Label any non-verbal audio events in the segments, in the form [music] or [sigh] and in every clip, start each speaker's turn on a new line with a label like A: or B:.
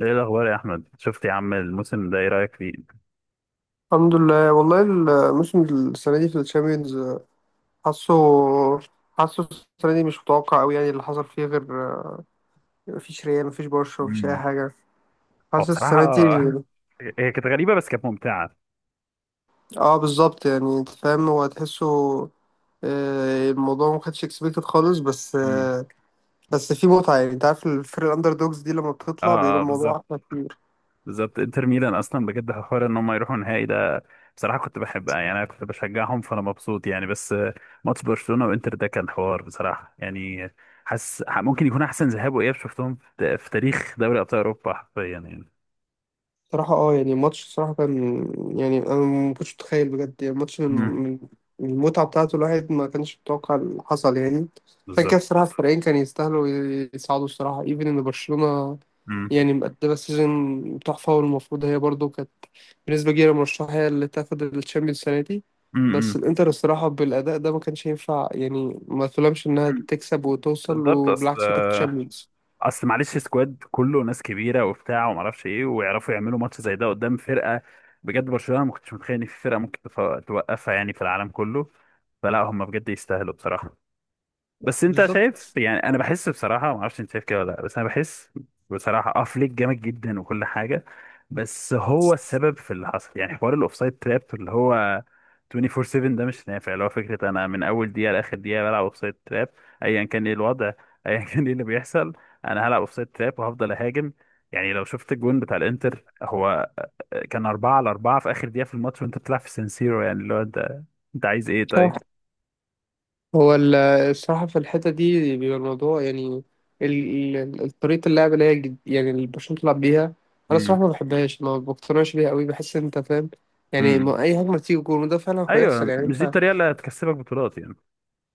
A: ايه الاخبار يا احمد؟ شفت يا عم الموسم ده؟ ايه رايك فيه؟
B: الحمد لله والله. الموسم السنة دي في الشامبيونز. حاسه حاسه السنة دي مش متوقع أوي، يعني اللي حصل فيه غير، مفيش ريال مفيش برشا مفيش أي
A: مم.
B: حاجة.
A: هو
B: حاسس
A: بصراحه
B: السنة دي.
A: [laughs] هي كانت غريبه بس كانت ممتعه.
B: اه بالظبط، يعني انت فاهم هو تحسه. الموضوع ما كانش اكسبكتد خالص، بس
A: مم.
B: بس في متعة، يعني انت عارف الفرق الأندر دوجز دي لما
A: اه،
B: بتطلع بيبقى
A: آه،
B: الموضوع
A: بالظبط.
B: أحلى كتير.
A: بالظبط انتر ميلان اصلا بجد حوار ان هم يروحوا النهائي ده. بصراحه كنت بحبها يعني انا كنت بشجعهم فانا مبسوط يعني. بس ماتش برشلونه وانتر ده كان حوار بصراحه يعني. حاسس ممكن يكون احسن ذهاب واياب شفتهم في تاريخ دوري ابطال اوروبا حرفيا يعني.
B: صراحة اه، يعني الماتش صراحة كان، يعني انا ما كنتش متخيل بجد، يعني الماتش من
A: مم.
B: من من المتعة بتاعته، الواحد ما كانش متوقع اللي حصل يعني. عشان كده
A: بالظبط.
B: الصراحة الفريقين كانوا يستاهلوا يصعدوا، الصراحة ايفن ان برشلونة
A: مم.
B: يعني مقدمة سيزون تحفة، والمفروض هي برضو كانت بنسبة كبيرة مرشحة هي اللي تاخد الشامبيونز السنة دي.
A: مم.
B: بس الانتر الصراحة بالأداء ده ما كانش ينفع، يعني ما تلومش انها
A: مم.
B: تكسب وتوصل
A: بالظبط. اصل
B: وبالعكس وتاخد شامبيونز.
A: اصل معلش سكواد كله ناس كبيره وبتاع وما اعرفش ايه ويعرفوا يعملوا ماتش زي ده قدام فرقه. بجد برشلونه ما كنتش متخيل ان في فرقه ممكن توقفها يعني في العالم كله. فلا هم بجد يستاهلوا بصراحه. بس انت شايف
B: بالظبط.
A: يعني انا بحس بصراحه ما اعرفش انت شايف كده ولا لا بس انا بحس. بصراحه اه فليك جامد جدا وكل حاجه. بس هو السبب في اللي حصل يعني حوار الاوفسايد تراب اللي هو 24/7 ده مش نافع. اللي هو فكره انا من اول دقيقه لاخر دقيقه بلعب اوفسايد تراب ايا كان ايه الوضع [laughs] ايا كان ايه اللي بيحصل انا هلعب اوفسايد تراب وهفضل اهاجم. يعني لو شفت الجون بتاع الانتر هو كان 4 على 4 في اخر دقيقه في الماتش وانت بتلعب في سانسيرو يعني اللي هو انت انت عايز ايه طيب؟
B: [laughs] هو ال- الصراحة في الحتة دي بيبقى الموضوع يعني، طريقة اللعب اللي هي يعني اللي برشلونة بتلعب بيها. أنا الصراحة ما بحبهاش، ما بقتنعش بيها قوي، بحس إن أنت فاهم، يعني
A: امم.
B: ما أي هجمة تيجي جول، وده فعلا هيحصل
A: ايوه
B: يعني
A: مش دي
B: أنت.
A: الطريقه اللي هتكسبك بطولات يعني.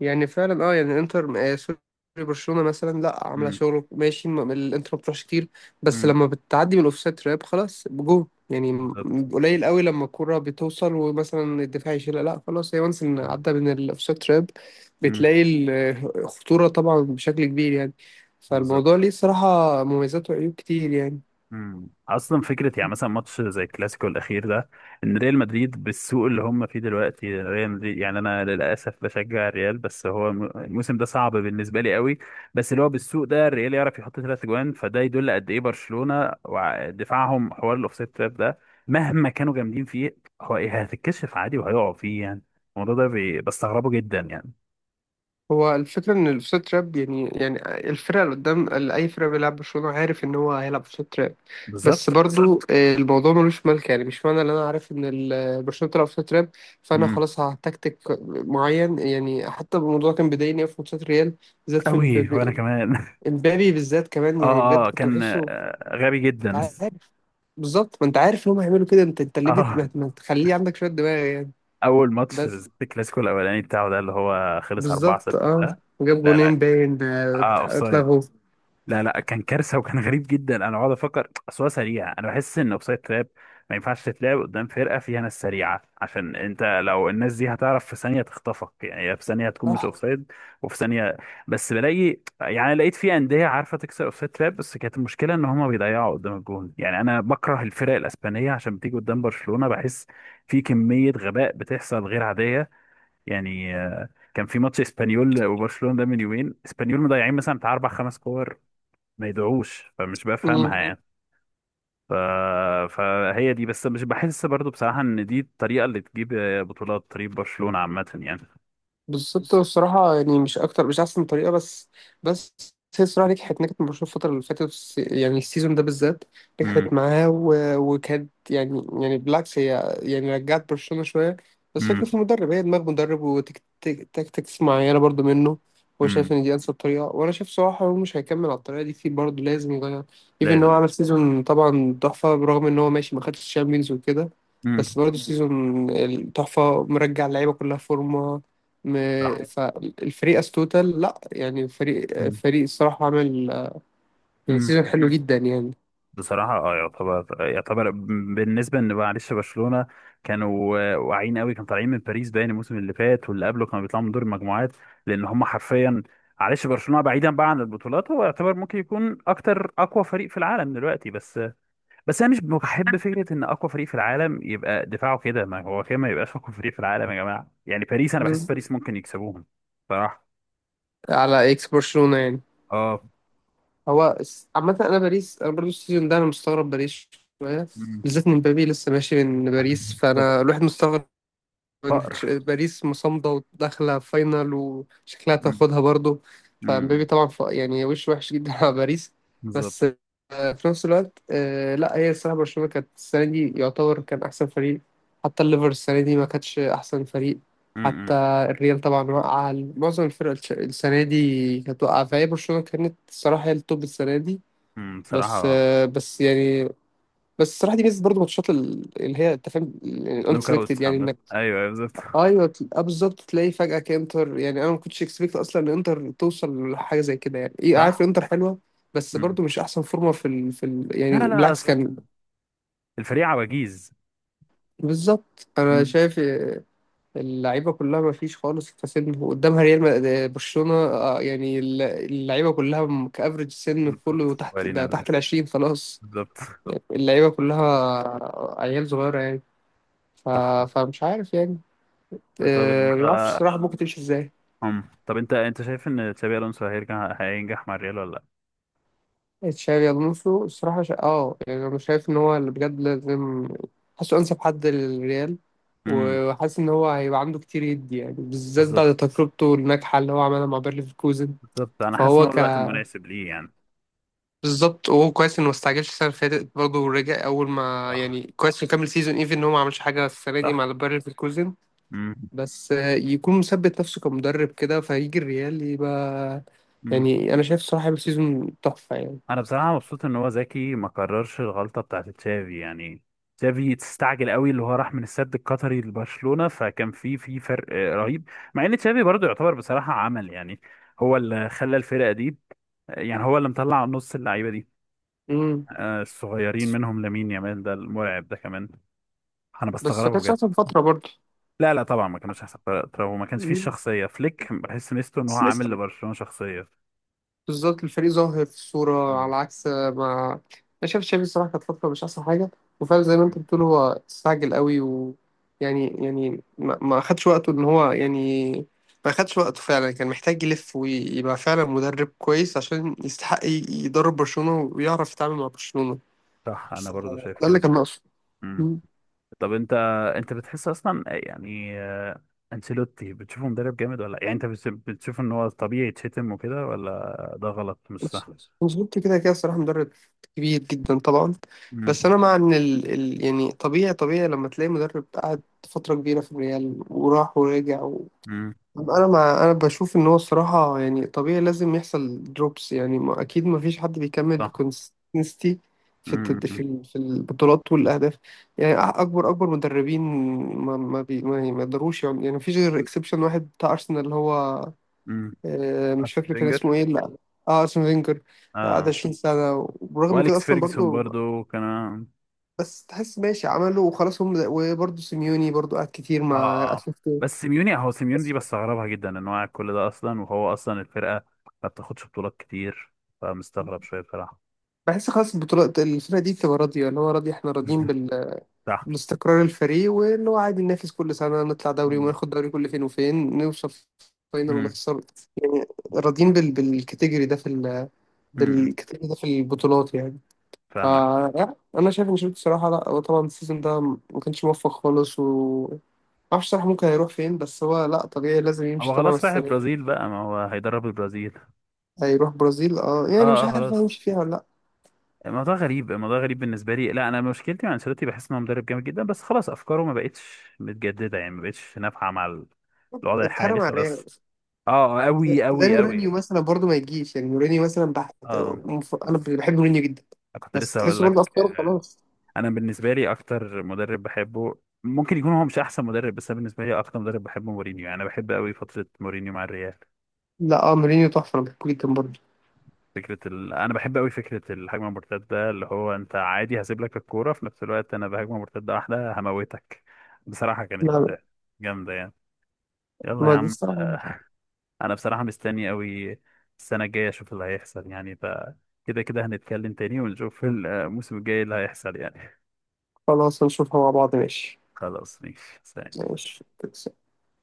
B: يعني فعلا اه، يعني انتر، سوري، برشلونة مثلا لا عاملة
A: امم.
B: شغل ماشي، الانتر ما بتروحش كتير، بس
A: امم.
B: لما بتعدي من الاوفسايد تراب خلاص بجول، يعني
A: بالظبط.
B: قليل قوي لما الكرة بتوصل ومثلا الدفاع يشيلها، لا خلاص هي وانس ان عدى من الاوفسايد تراب.
A: امم.
B: بتلاقي الخطورة طبعا بشكل كبير يعني،
A: بالظبط.
B: فالموضوع ليه صراحة مميزات وعيوب كتير يعني.
A: مم. اصلا فكره يعني مثلا ماتش زي الكلاسيكو الاخير ده ان ريال مدريد بالسوق اللي هم فيه دلوقتي. ريال مدريد يعني انا للاسف بشجع الريال بس هو الموسم ده صعب بالنسبه لي قوي. بس اللي هو بالسوق ده الريال يعرف يحط ثلاث اجوان. فده يدل قد ايه برشلونه ودفاعهم حوار الاوفسايد تراب ده مهما كانوا جامدين فيه هو إيه. هتتكشف عادي وهيقعوا فيه يعني. الموضوع ده بستغربه جدا يعني.
B: هو الفكرة إن الأوفسايد تراب يعني، يعني الفرقة اللي قدام، اللي أي فرقة بيلعب برشلونة عارف إن هو هيلعب أوفسايد تراب، بس
A: بالظبط.
B: برضو الموضوع ملوش ملك، يعني مش معنى إن أنا عارف إن برشلونة بتلعب أوفسايد تراب فأنا
A: امم.
B: خلاص هتكتك معين، يعني حتى الموضوع كان بيضايقني أوي في ماتشات ريال، بالذات في
A: قوي وانا
B: إمبابي.
A: كمان [laughs]
B: إمبابي بالذات كمان، يعني
A: اه،
B: بجد
A: اه،
B: كنت
A: كان
B: بحسه.
A: غبي
B: أنت
A: جدا.
B: عارف بالظبط، ما أنت عارف إن هم هيعملوا كده، أنت
A: [laughs]
B: ليه بت- ما
A: اه.
B: ما تخليه عندك شوية دماغ يعني.
A: اول ماتش
B: بس
A: بالذات الكلاسيكو الاولاني بتاعه ده اللي هو خلص 4
B: بالظبط
A: 6
B: أه،
A: ده.
B: جاب
A: لا لا.
B: جونين باين
A: اه اوفسايد.
B: اتلغوا.
A: لا لا كان كارثه وكان غريب جدا. انا بقعد افكر اصل هو سريع انا بحس ان اوفسايد تراب ما ينفعش تتلعب قدام فرقه فيها ناس سريعه عشان انت لو الناس دي هتعرف في ثانيه تخطفك يعني هي في ثانيه هتكون مش
B: صح
A: اوفسايد. وفي ثانيه بس بلاقي يعني لقيت في انديه عارفه تكسر اوفسايد تراب بس كانت المشكله ان هما بيضيعوا قدام الجون. يعني انا بكره الفرق الاسبانيه عشان بتيجي قدام برشلونه بحس في كميه غباء بتحصل غير عاديه يعني. كان في ماتش اسبانيول وبرشلونه ده من يومين اسبانيول مضيعين مثلا بتاع اربع خمس كور ما يدعوش فمش بفهمها. مم. يعني ف... فهي دي بس مش بحس برضو بصراحة ان دي الطريقة اللي تجيب بطولات طريق برشلونة عامة يعني.
B: بالظبط،
A: بص.
B: الصراحة يعني مش أكتر، مش أحسن طريقة، بس بس هي الصراحة نجحت مع برشلونة الفترة اللي فاتت، يعني السيزون ده بالذات نجحت
A: امم.
B: معاه. وكانت يعني بالعكس، هي يعني رجعت برشلونة شوية. بس
A: امم.
B: فكرة
A: بص.
B: في المدرب، هي دماغ مدرب وتكتكس معينة برضو منه. هو شايف
A: امم.
B: إن دي أنسب طريقة، وأنا شايف صراحة هو مش هيكمل على الطريقة دي كتير، برضه لازم يغير. إيفن
A: لازم
B: إن هو
A: أسلوب.
B: عمل سيزون طبعا تحفة، برغم إن هو ماشي ما خدش الشامبيونز وكده،
A: امم.
B: بس برضه سيزون التحفة مرجع اللعيبة كلها فورمة،
A: صح.
B: فالفريق استوتل، لا يعني فريق
A: امم.
B: فريق الصراحة عمل، يعني
A: امم.
B: سيزون حلو جدا يعني.
A: بصراحة اه يعتبر يعتبر بالنسبة ان معلش برشلونة كانوا واعيين قوي. كانوا طالعين من باريس باين الموسم اللي فات واللي قبله كانوا بيطلعوا من دور المجموعات لان هم حرفيا. معلش برشلونة بعيدا بقى عن البطولات هو يعتبر ممكن يكون اكتر اقوى فريق في العالم دلوقتي بس. بس انا مش بحب فكره ان اقوى فريق في العالم يبقى دفاعه كده ما هو كده ما يبقاش [laughs] اقوى فريق في العالم يا جماعه يعني. باريس انا بحس
B: بز...
A: باريس ممكن يكسبوهم صراحه.
B: على اكس برشلونة يعني.
A: اه.
B: هو عامة، انا باريس، انا برضو السيزون ده انا مستغرب باريس شوية،
A: أمم،.
B: بالذات ان مبابي لسه ماشي من باريس،
A: بالظبط.
B: فانا الواحد مستغرب ان
A: فقر.
B: باريس مصمدة وداخلة فاينل وشكلها
A: أمم،.
B: تاخدها برضو.
A: أمم،.
B: فمبابي طبعا، يعني وش وحش جدا على باريس. بس
A: بالظبط.
B: في نفس الوقت لا، هي الصراحة برشلونة كانت السنة دي يعتبر كان أحسن فريق، حتى الليفر السنة دي ما كانتش أحسن فريق، حتى
A: أمم،.
B: الريال طبعا وقع، معظم الفرق السنة دي كانت واقعة، فهي برشلونة كانت الصراحة هي التوب السنة دي.
A: أمم،.
B: بس
A: بصراحه.
B: بس يعني، بس الصراحة دي ميزة برضه ماتشات اللي هي أنت فاهم
A: نوك اوت
B: الأنكسبكتد، يعني
A: محمد
B: إنك
A: ايوه. أيوة، بالظبط.
B: أيوه بالظبط تلاقي فجأة كإنتر، يعني أنا ما كنتش إكسبكت أصلا إن إنتر توصل لحاجة زي كده، يعني إيه عارف
A: صح.
B: إنتر حلوة، بس
A: أمم.
B: برضه مش احسن فورمه يعني
A: لا لا.
B: بالعكس كان.
A: اصل الفريق عواجيز.
B: بالظبط انا
A: أمم،.
B: شايف اللعيبه كلها ما فيش خالص كسن قدامها، ريال برشلونه يعني اللعيبه كلها، كافريج سن
A: بالظبط
B: كله تحت،
A: صغيرين
B: ده
A: أوي.
B: تحت العشرين خلاص.
A: بالظبط.
B: اللعيبه كلها عيال صغيره يعني. ف...
A: صح.
B: فمش عارف يعني،
A: طب انت.
B: ما اعرفش الصراحه ممكن تمشي ازاي.
A: أم. طب انت انت شايف ان تشابي الونسو هيرجع هينجح مع الريال ولا لا؟
B: تشافي الونسو الصراحه اه يعني انا شايف ان هو اللي بجد لازم، حاسه انسب حد للريال،
A: امم.
B: وحاسس ان هو هيبقى عنده كتير يدي، يعني بالذات
A: بالظبط.
B: بعد تجربته الناجحه اللي هو عملها مع بيرليفكوزن.
A: بالظبط انا حاسس ان
B: فهو
A: هو
B: ك
A: الوقت المناسب ليه يعني.
B: بالظبط، وهو كويس انه ما استعجلش السنه اللي فاتت برضه، ورجع اول ما
A: صح.
B: يعني كويس انه كمل سيزون، ايفن ان هو ما عملش حاجه السنه دي
A: صح.
B: مع البايرن في الكوزن.
A: امم.
B: بس يكون مثبت نفسه كمدرب كده، فيجي الريال يبقى،
A: امم.
B: يعني انا شايف الصراحه هيبقى سيزون تحفه يعني.
A: انا بصراحه مبسوط ان هو ذكي ما كررش الغلطه بتاعت تشافي يعني. تشافي تستعجل قوي اللي هو راح من السد القطري لبرشلونه فكان في فرق رهيب. مع ان تشافي برضو يعتبر بصراحه عمل يعني هو اللي خلى الفرقه دي. يعني هو اللي مطلع نص اللعيبه دي
B: امم
A: الصغيرين منهم لامين يامال ده المرعب ده كمان. انا
B: بس ما
A: بستغربه
B: كانتش
A: بجد.
B: احسن فتره برضه.
A: لا لا طبعا ما كانوش احسن فرقة. طب وما كانش فيه
B: مم.
A: الشخصيه فليك؟ بحس ميزته ان هو عامل لبرشلونه شخصيه.
B: بالظبط الفريق ظاهر في الصورة
A: مم.
B: على عكس ما، أنا شايف تشافي الصراحة كانت فترة مش أحسن حاجة، وفعلا زي ما أنت بتقول هو استعجل قوي، و يعني ما أخدش وقته إن هو، يعني ما أخدش وقته فعلا، كان محتاج يلف ويبقى فعلا مدرب كويس عشان يستحق يدرب برشلونة ويعرف يتعامل مع برشلونة.
A: صح انا
B: ف-
A: برضو شايف
B: ده
A: كده
B: اللي كان
A: كده.
B: ناقصه.
A: مم. طب انت انت بتحس اصلا يعني انشيلوتي بتشوفه مدرب جامد ولا يعني انت بتشوف ان هو طبيعي يتشتم وكده ولا ده غلط مش صح؟
B: انشيلوتي كده كده الصراحة مدرب كبير جدا طبعا،
A: مم.
B: بس أنا مع إن يعني طبيعي طبيعي لما تلاقي مدرب قعد فترة كبيرة في الريال وراح ورجع
A: مم.
B: أنا بشوف إن هو الصراحة، يعني طبيعي لازم يحصل دروبس، يعني ما... أكيد ما فيش حد بيكمل
A: صح.
B: بكونسستنسي في الت... في
A: مم.
B: ال... في البطولات والأهداف، يعني أكبر أكبر مدربين ما يقدروش، يعني ما فيش غير إكسبشن واحد بتاع أرسنال اللي هو
A: مم.
B: مش
A: أرسن
B: فاكر كان اسمه
A: فينجر.
B: ايه، لا. اه اسمه فينجر، قعد
A: اه.
B: 20 سنة، وبرغم من كده
A: واليكس
B: اصلا
A: فيرجسون
B: برضو،
A: برضو كان.
B: بس تحس ماشي عمله وخلاص هم، وبرضو سيميوني برضو قعد كتير
A: اه.
B: مع
A: اه.
B: اتلتيكو.
A: بس سيميوني هو سيميوني دي
B: بس
A: بستغربها جدا ان هو قاعد كل ده اصلا وهو اصلا الفرقه ما بتاخدش بطولات كتير. فمستغرب شويه بصراحه.
B: بحس خلاص البطولات الفرقة دي بتبقى راضية، اللي هو راضي، احنا راضيين
A: [laughs] صح.
B: بالاستقرار الفريق، واللي هو عادي ننافس كل سنة نطلع دوري وناخد دوري، كل فين وفين نوصل فاينل
A: امم.
B: ونخسر يعني، راضيين
A: امم.
B: بالكاتيجوري ده في البطولات يعني. ف
A: فاهمك.
B: لا، انا شايف ان شيرين الصراحه، لا هو طبعا السيزون ده ما كانش موفق خالص، و ما اعرفش صراحه ممكن هيروح فين، بس هو لا طبيعي لازم يمشي
A: هو
B: طبعا
A: خلاص رايح
B: السنه دي.
A: البرازيل بقى ما هو هيدرب البرازيل.
B: هيروح برازيل، اه
A: اه
B: يعني مش
A: اه
B: عارف
A: خلاص.
B: هيمشي فيها ولا لا.
A: الموضوع غريب الموضوع غريب بالنسبه لي. لا انا مشكلتي مع انشيلوتي بحس ان هو مدرب جامد جدا بس خلاص افكاره ما بقتش متجدده يعني ما بقتش نافعه مع الوضع
B: اتهرب
A: الحالي
B: على الريال.
A: خلاص. اه
B: زي
A: قوي
B: زي
A: قوي قوي.
B: مورينيو مثلا برضه ما يجيش، يعني مورينيو مثلا
A: اه
B: انا بحب مورينيو جدا،
A: كنت
B: بس
A: لسه هقول
B: تحسه
A: لك.
B: برضه افكاره خلاص.
A: انا بالنسبه لي اكتر مدرب بحبه. ممكن يكون هو مش احسن مدرب بس انا بالنسبه لي اكتر مدرب بحبه مورينيو يعني انا بحب قوي فتره مورينيو مع الريال.
B: لا اه مورينيو تحفه، انا بحبه جدا برضه.
A: فكرة ال... أنا بحب أوي فكرة الهجمة المرتدة ده اللي هو أنت عادي هسيب لك الكورة في نفس الوقت أنا بهجمة مرتدة واحدة هموتك. بصراحة كانت
B: لا، لا،
A: جامدة يعني. يلا يا
B: ما دي
A: عم.
B: الصراحه.
A: أنا بصراحة مستني أوي السنة الجاية أشوف اللي هيحصل يعني ف كده كده هنتكلم تاني ونشوف الموسم الجاي اللي هيحصل يعني.
B: خلاص هنشوفها مع بعض، ماشي.
A: خلاص ماشي سلام.
B: ماشي.